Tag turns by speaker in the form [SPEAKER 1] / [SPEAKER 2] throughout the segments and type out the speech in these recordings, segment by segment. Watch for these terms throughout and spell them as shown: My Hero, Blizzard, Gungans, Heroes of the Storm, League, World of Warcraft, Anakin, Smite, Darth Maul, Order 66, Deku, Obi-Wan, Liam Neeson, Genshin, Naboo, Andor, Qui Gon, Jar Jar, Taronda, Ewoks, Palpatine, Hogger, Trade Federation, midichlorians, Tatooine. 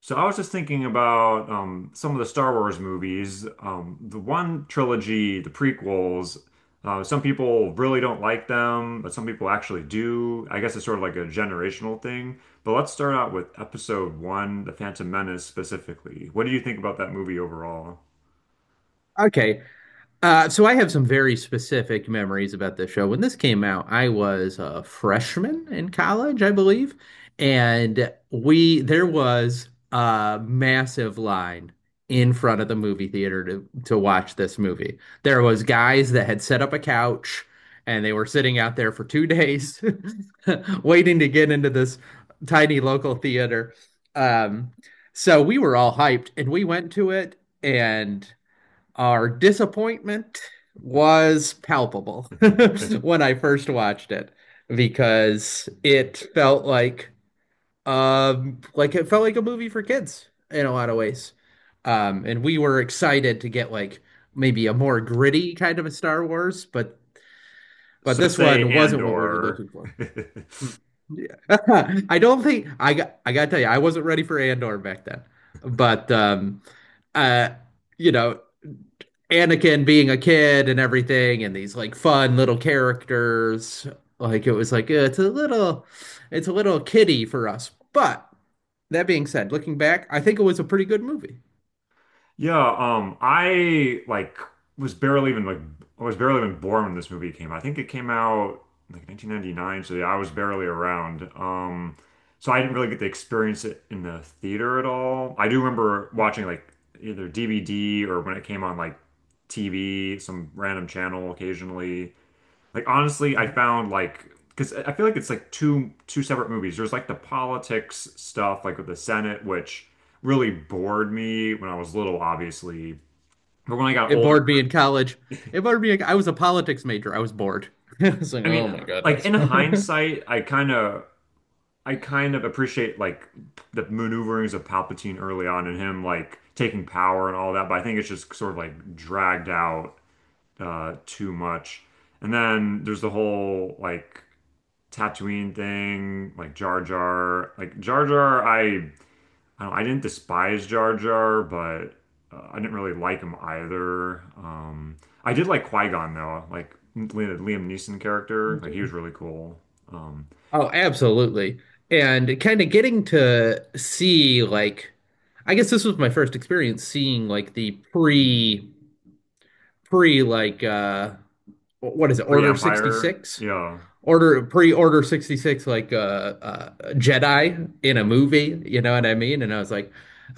[SPEAKER 1] So I was just thinking about some of the Star Wars movies. The one trilogy, the prequels, some people really don't like them, but some people actually do. I guess it's sort of like a generational thing. But let's start out with episode one, The Phantom Menace specifically. What do you think about that movie overall?
[SPEAKER 2] Okay. So I have some very specific memories about this show. When this came out, I was a freshman in college, I believe, and we there was a massive line in front of the movie theater to watch this movie. There was guys that had set up a couch and they were sitting out there for 2 days waiting to get into this tiny local theater. Um, so we were all hyped and we went to it and our disappointment was palpable when I first watched it because it felt like it felt like a movie for kids in a lot of ways. And we were excited to get like maybe a more gritty kind of a Star Wars, but
[SPEAKER 1] So
[SPEAKER 2] this
[SPEAKER 1] say
[SPEAKER 2] one wasn't what we were
[SPEAKER 1] Andor.
[SPEAKER 2] looking for. I don't think I gotta tell you, I wasn't ready for Andor back then. But uh you know Anakin being a kid and everything, and these like fun little characters. Like it was like it's a little kiddie for us. But that being said, looking back, I think it was a pretty good movie.
[SPEAKER 1] Yeah, was barely even like I was barely even born when this movie came out. I think it came out like 1999, so yeah, I was barely around. So I didn't really get to experience it in the theater at all. I do remember watching like either DVD or when it came on like TV, some random channel occasionally. Like honestly, I
[SPEAKER 2] Mhm.
[SPEAKER 1] found like because I feel like it's like two separate movies. There's like the politics stuff, like with the Senate, which really bored me when I was little, obviously. But when I got
[SPEAKER 2] It
[SPEAKER 1] older,
[SPEAKER 2] bored me in college. It bored me. I was a politics major. I was bored. I was like,
[SPEAKER 1] I mean,
[SPEAKER 2] oh my
[SPEAKER 1] like
[SPEAKER 2] goodness.
[SPEAKER 1] in hindsight, I kind of appreciate like the maneuverings of Palpatine early on and him like taking power and all that. But I think it's just sort of like dragged out too much. And then there's the whole like Tatooine thing, like Jar Jar, like Jar Jar. I don't know, I didn't despise Jar Jar, but I didn't really like him either. I did like Qui Gon though, like Liam Neeson character. Like he was really cool. Um,
[SPEAKER 2] Oh, absolutely. And kind of getting to see like I guess this was my first experience seeing like the pre pre like what is it,
[SPEAKER 1] Pre
[SPEAKER 2] Order
[SPEAKER 1] Empire,
[SPEAKER 2] 66?
[SPEAKER 1] yeah.
[SPEAKER 2] Order pre-order 66 like a uh, uh Jedi in a movie, you know what I mean? And I was like,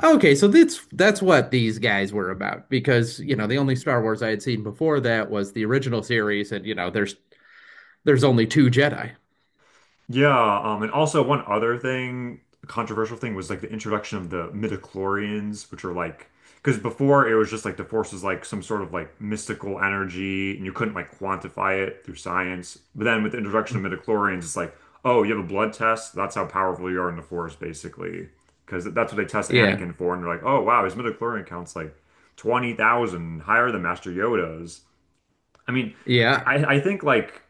[SPEAKER 2] okay, so that's what these guys were about because, you know, the only Star Wars I had seen before that was the original series and you know, there's only two Jedi.
[SPEAKER 1] Yeah, and also one other thing, controversial thing was like the introduction of the midichlorians, which are like because before it was just like the force was like some sort of like mystical energy and you couldn't like quantify it through science. But then with the introduction of midichlorians, it's like, oh, you have a blood test, that's how powerful you are in the force, basically. Because that's what they test
[SPEAKER 2] Yeah.
[SPEAKER 1] Anakin for, and they're like, oh wow, his midichlorian count's like 20,000 higher than Master Yoda's. I mean, I,
[SPEAKER 2] Yeah.
[SPEAKER 1] I I think like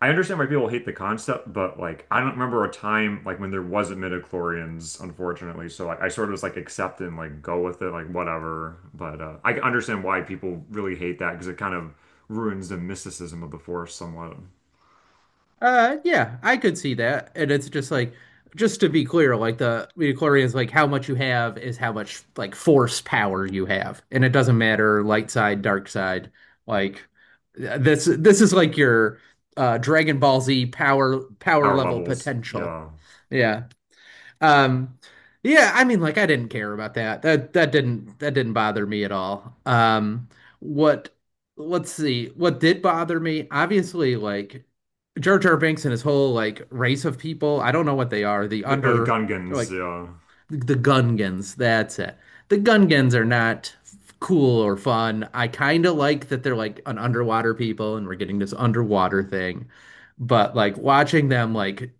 [SPEAKER 1] I understand why people hate the concept, but like I don't remember a time like when there wasn't midichlorians, unfortunately. So like I sort of just like accept it and like go with it, like whatever. But I understand why people really hate that because it kind of ruins the mysticism of the Force somewhat.
[SPEAKER 2] Yeah, I could see that. And it's just like, just to be clear, like the midichlorian is like how much you have is how much like force power you have. And it doesn't matter light side, dark side. Like this is like your Dragon Ball Z power
[SPEAKER 1] Power
[SPEAKER 2] level
[SPEAKER 1] levels,
[SPEAKER 2] potential.
[SPEAKER 1] yeah.
[SPEAKER 2] Yeah. Um, yeah, I mean, like I didn't care about that. That didn't that didn't bother me at all. What Let's see, what did bother me, obviously, like Jar Jar Binks and his whole like race of people. I don't know what they are.
[SPEAKER 1] The oh, the
[SPEAKER 2] They're
[SPEAKER 1] Gungans,
[SPEAKER 2] like the Gungans. That's it. The Gungans are not cool or fun. I kind of like that they're like an underwater people and we're getting this underwater thing. But like watching them, like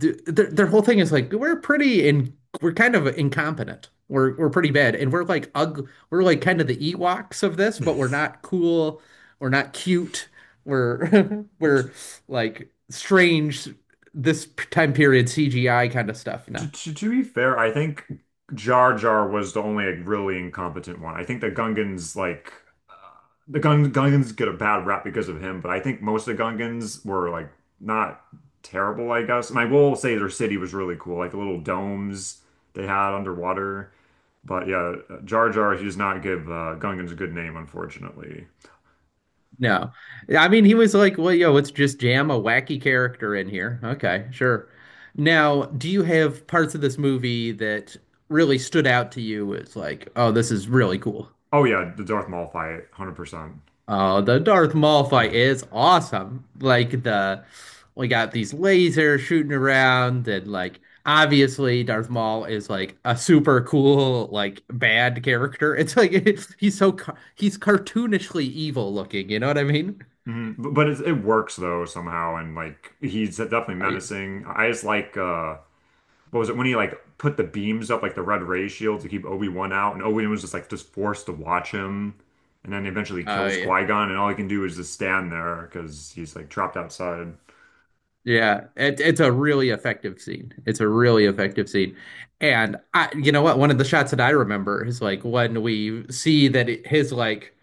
[SPEAKER 2] their whole thing is like we're pretty in we're kind of incompetent. We're pretty bad, and we're like ugly. We're like kind of the Ewoks of this,
[SPEAKER 1] yeah.
[SPEAKER 2] but we're not cool. We're not cute. We're we're like strange. Time period CGI kind of stuff.
[SPEAKER 1] To,
[SPEAKER 2] No,
[SPEAKER 1] to, to be fair, I think Jar Jar was the only like really incompetent one. I think the Gungans like the Gungans get a bad rap because of him, but I think most of the Gungans were like not terrible, I guess. And I will say their city was really cool, like the little domes they had underwater. But yeah, Jar Jar, he does not give Gungans a good name, unfortunately.
[SPEAKER 2] no. I mean, he was like, well, yo, let's just jam a wacky character in here. Okay, sure. Now, do you have parts of this movie that really stood out to you as like, oh, this is really cool?
[SPEAKER 1] Oh yeah, the Darth Maul fight, 100%.
[SPEAKER 2] Oh, the Darth Maul fight is awesome. Like the we got these lasers shooting around and like obviously Darth Maul is like a super cool like bad character. It's like he's cartoonishly evil looking, you know what I mean?
[SPEAKER 1] Mhm. But it works though somehow, and like he's definitely
[SPEAKER 2] Oh yeah.
[SPEAKER 1] menacing. I just like what was it when he like put the beams up like the red ray shield to keep Obi-Wan out and Obi-Wan was just like just forced to watch him and then eventually
[SPEAKER 2] Oh
[SPEAKER 1] kills
[SPEAKER 2] yeah.
[SPEAKER 1] Qui-Gon and all he can do is just stand there because he's like trapped outside.
[SPEAKER 2] It's a really effective scene. It's a really effective scene. And you know what? One of the shots that I remember is like when we see his like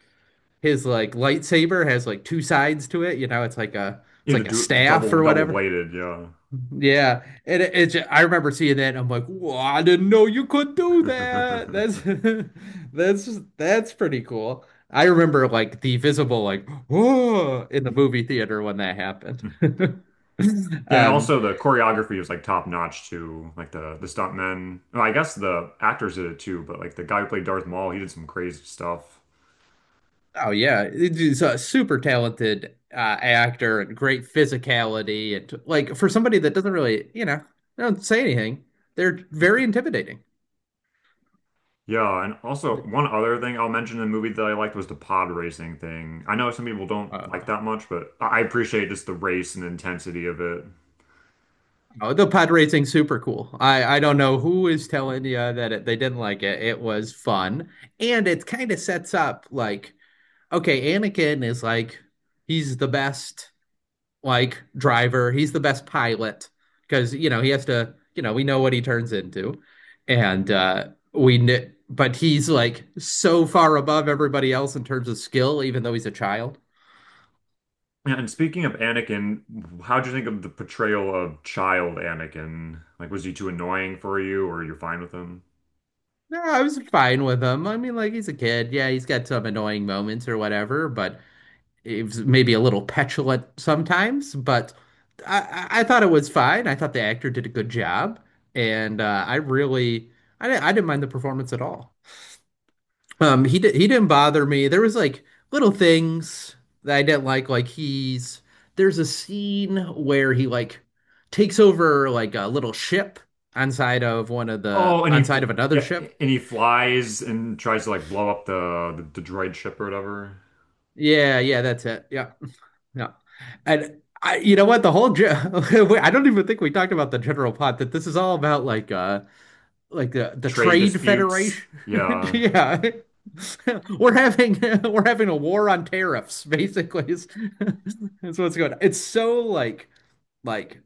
[SPEAKER 2] lightsaber has like two sides to it. You know, it's like a
[SPEAKER 1] He had to do the
[SPEAKER 2] staff
[SPEAKER 1] double
[SPEAKER 2] or
[SPEAKER 1] double
[SPEAKER 2] whatever.
[SPEAKER 1] bladed, yeah.
[SPEAKER 2] Yeah, and I remember seeing that and I'm like, whoa, I didn't know you could do that. That's that's pretty cool. I remember like the visible like whoa in the movie theater when that happened.
[SPEAKER 1] Yeah, and
[SPEAKER 2] Um,
[SPEAKER 1] also the choreography was like top notch too. Like the stuntmen. Well, I guess the actors did it too, but like the guy who played Darth Maul, he did some crazy stuff.
[SPEAKER 2] Oh yeah, he's a super talented actor and great physicality and like for somebody that doesn't really, you know, they don't say anything, they're very intimidating.
[SPEAKER 1] Yeah, and also one other thing I'll mention in the movie that I liked was the pod racing thing. I know some people don't like
[SPEAKER 2] Uh,
[SPEAKER 1] that much, but I appreciate just the race and the intensity of it.
[SPEAKER 2] oh, the pod racing super cool. I don't know who is telling you they didn't like it. It was fun, and it kind of sets up like okay, Anakin is like he's the best like driver. He's the best pilot because you know he has to. You know we know what he turns into, and but he's like so far above everybody else in terms of skill, even though he's a child.
[SPEAKER 1] Yeah, and speaking of Anakin, how'd you think of the portrayal of child Anakin? Like, was he too annoying for you, or you're fine with him?
[SPEAKER 2] No, I was fine with him. I mean, like he's a kid. Yeah, he's got some annoying moments or whatever, but he was maybe a little petulant sometimes. I, I thought it was fine. I thought the actor did a good job, and I didn't mind the performance at all. He didn't bother me. There was like little things that I didn't like. Like he's There's a scene where he like takes over like a little ship
[SPEAKER 1] Oh, and he
[SPEAKER 2] on
[SPEAKER 1] fl
[SPEAKER 2] side of another
[SPEAKER 1] Yeah,
[SPEAKER 2] ship.
[SPEAKER 1] and he flies and tries to like blow up the droid ship or whatever.
[SPEAKER 2] Yeah, that's it. Yeah, yeah. And you know what? I don't even think we talked about the general plot that this is all about like the
[SPEAKER 1] Trade
[SPEAKER 2] Trade
[SPEAKER 1] disputes.
[SPEAKER 2] Federation.
[SPEAKER 1] Yeah.
[SPEAKER 2] Yeah. We're having we're having a war on tariffs, basically. Is what's going on. It's so like like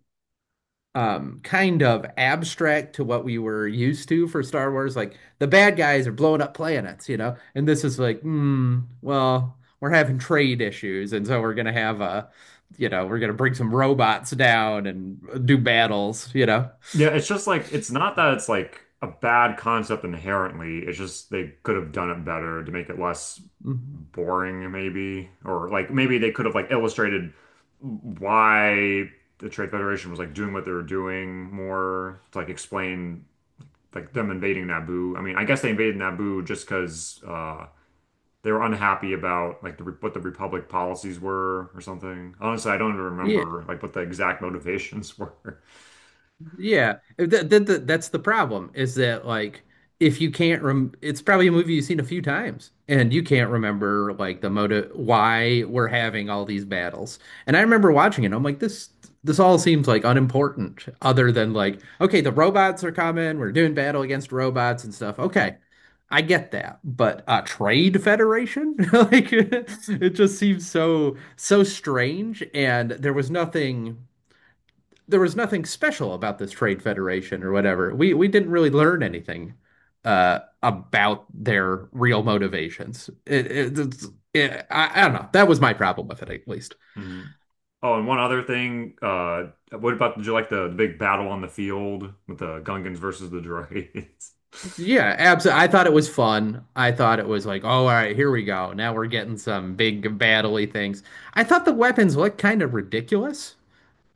[SPEAKER 2] kind of abstract to what we were used to for Star Wars. Like the bad guys are blowing up planets, you know? And this is like, hmm, well, we're having trade issues, and so we're gonna have a we're gonna bring some robots down and do battles, you know?
[SPEAKER 1] Yeah, it's just like it's not that it's like a bad concept inherently. It's just they could have done it better to make it less
[SPEAKER 2] Mhm.
[SPEAKER 1] boring, maybe, or like maybe they could have like illustrated why the Trade Federation was like doing what they were doing more to like explain like them invading Naboo. I mean, I guess they invaded Naboo just because they were unhappy about like what the Republic policies were or something. Honestly, I don't even
[SPEAKER 2] Yeah.
[SPEAKER 1] remember like what the exact motivations were.
[SPEAKER 2] That's the problem is that like if you can't rem it's probably a movie you've seen a few times and you can't remember like the motive why we're having all these battles. And I remember watching it, I'm like this all seems like unimportant other than like okay, the robots are coming, we're doing battle against robots and stuff. Okay. I get that, but trade federation? Like it just seems so so strange and there was nothing special about this trade federation or whatever. We didn't really learn anything about their real motivations. It, it's- it- I don't know. That was my problem with it, at least.
[SPEAKER 1] Oh, and one other thing, what about, did you like the big battle on the field with the Gungans versus the droids?
[SPEAKER 2] Yeah, absolutely. I thought it was fun. I thought it was like, oh, all right, here we go. Now we're getting some big battle-y things. I thought the weapons looked kind of ridiculous,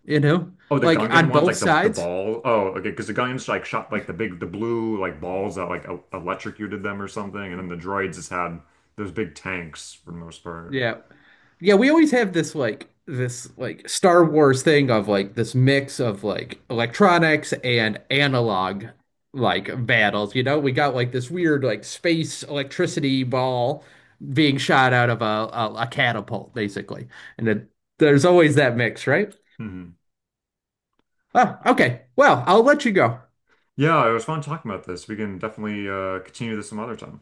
[SPEAKER 2] you know,
[SPEAKER 1] Oh, the
[SPEAKER 2] like
[SPEAKER 1] Gungan
[SPEAKER 2] on
[SPEAKER 1] ones,
[SPEAKER 2] both
[SPEAKER 1] like the
[SPEAKER 2] sides.
[SPEAKER 1] ball. Oh, okay, because the Gungans like shot like the big, the blue like balls that like electrocuted them or something, and then the droids just had those big tanks for the most part.
[SPEAKER 2] Yeah. Yeah, we always have this like Star Wars thing of like this mix of like electronics and analog like battles, you know? We got like this weird like space electricity ball being shot out of a a catapult basically. And there's always that mix, right?
[SPEAKER 1] Hmm.
[SPEAKER 2] Oh, okay. Well, I'll let you go.
[SPEAKER 1] Yeah, it was fun talking about this. We can definitely continue this some other time.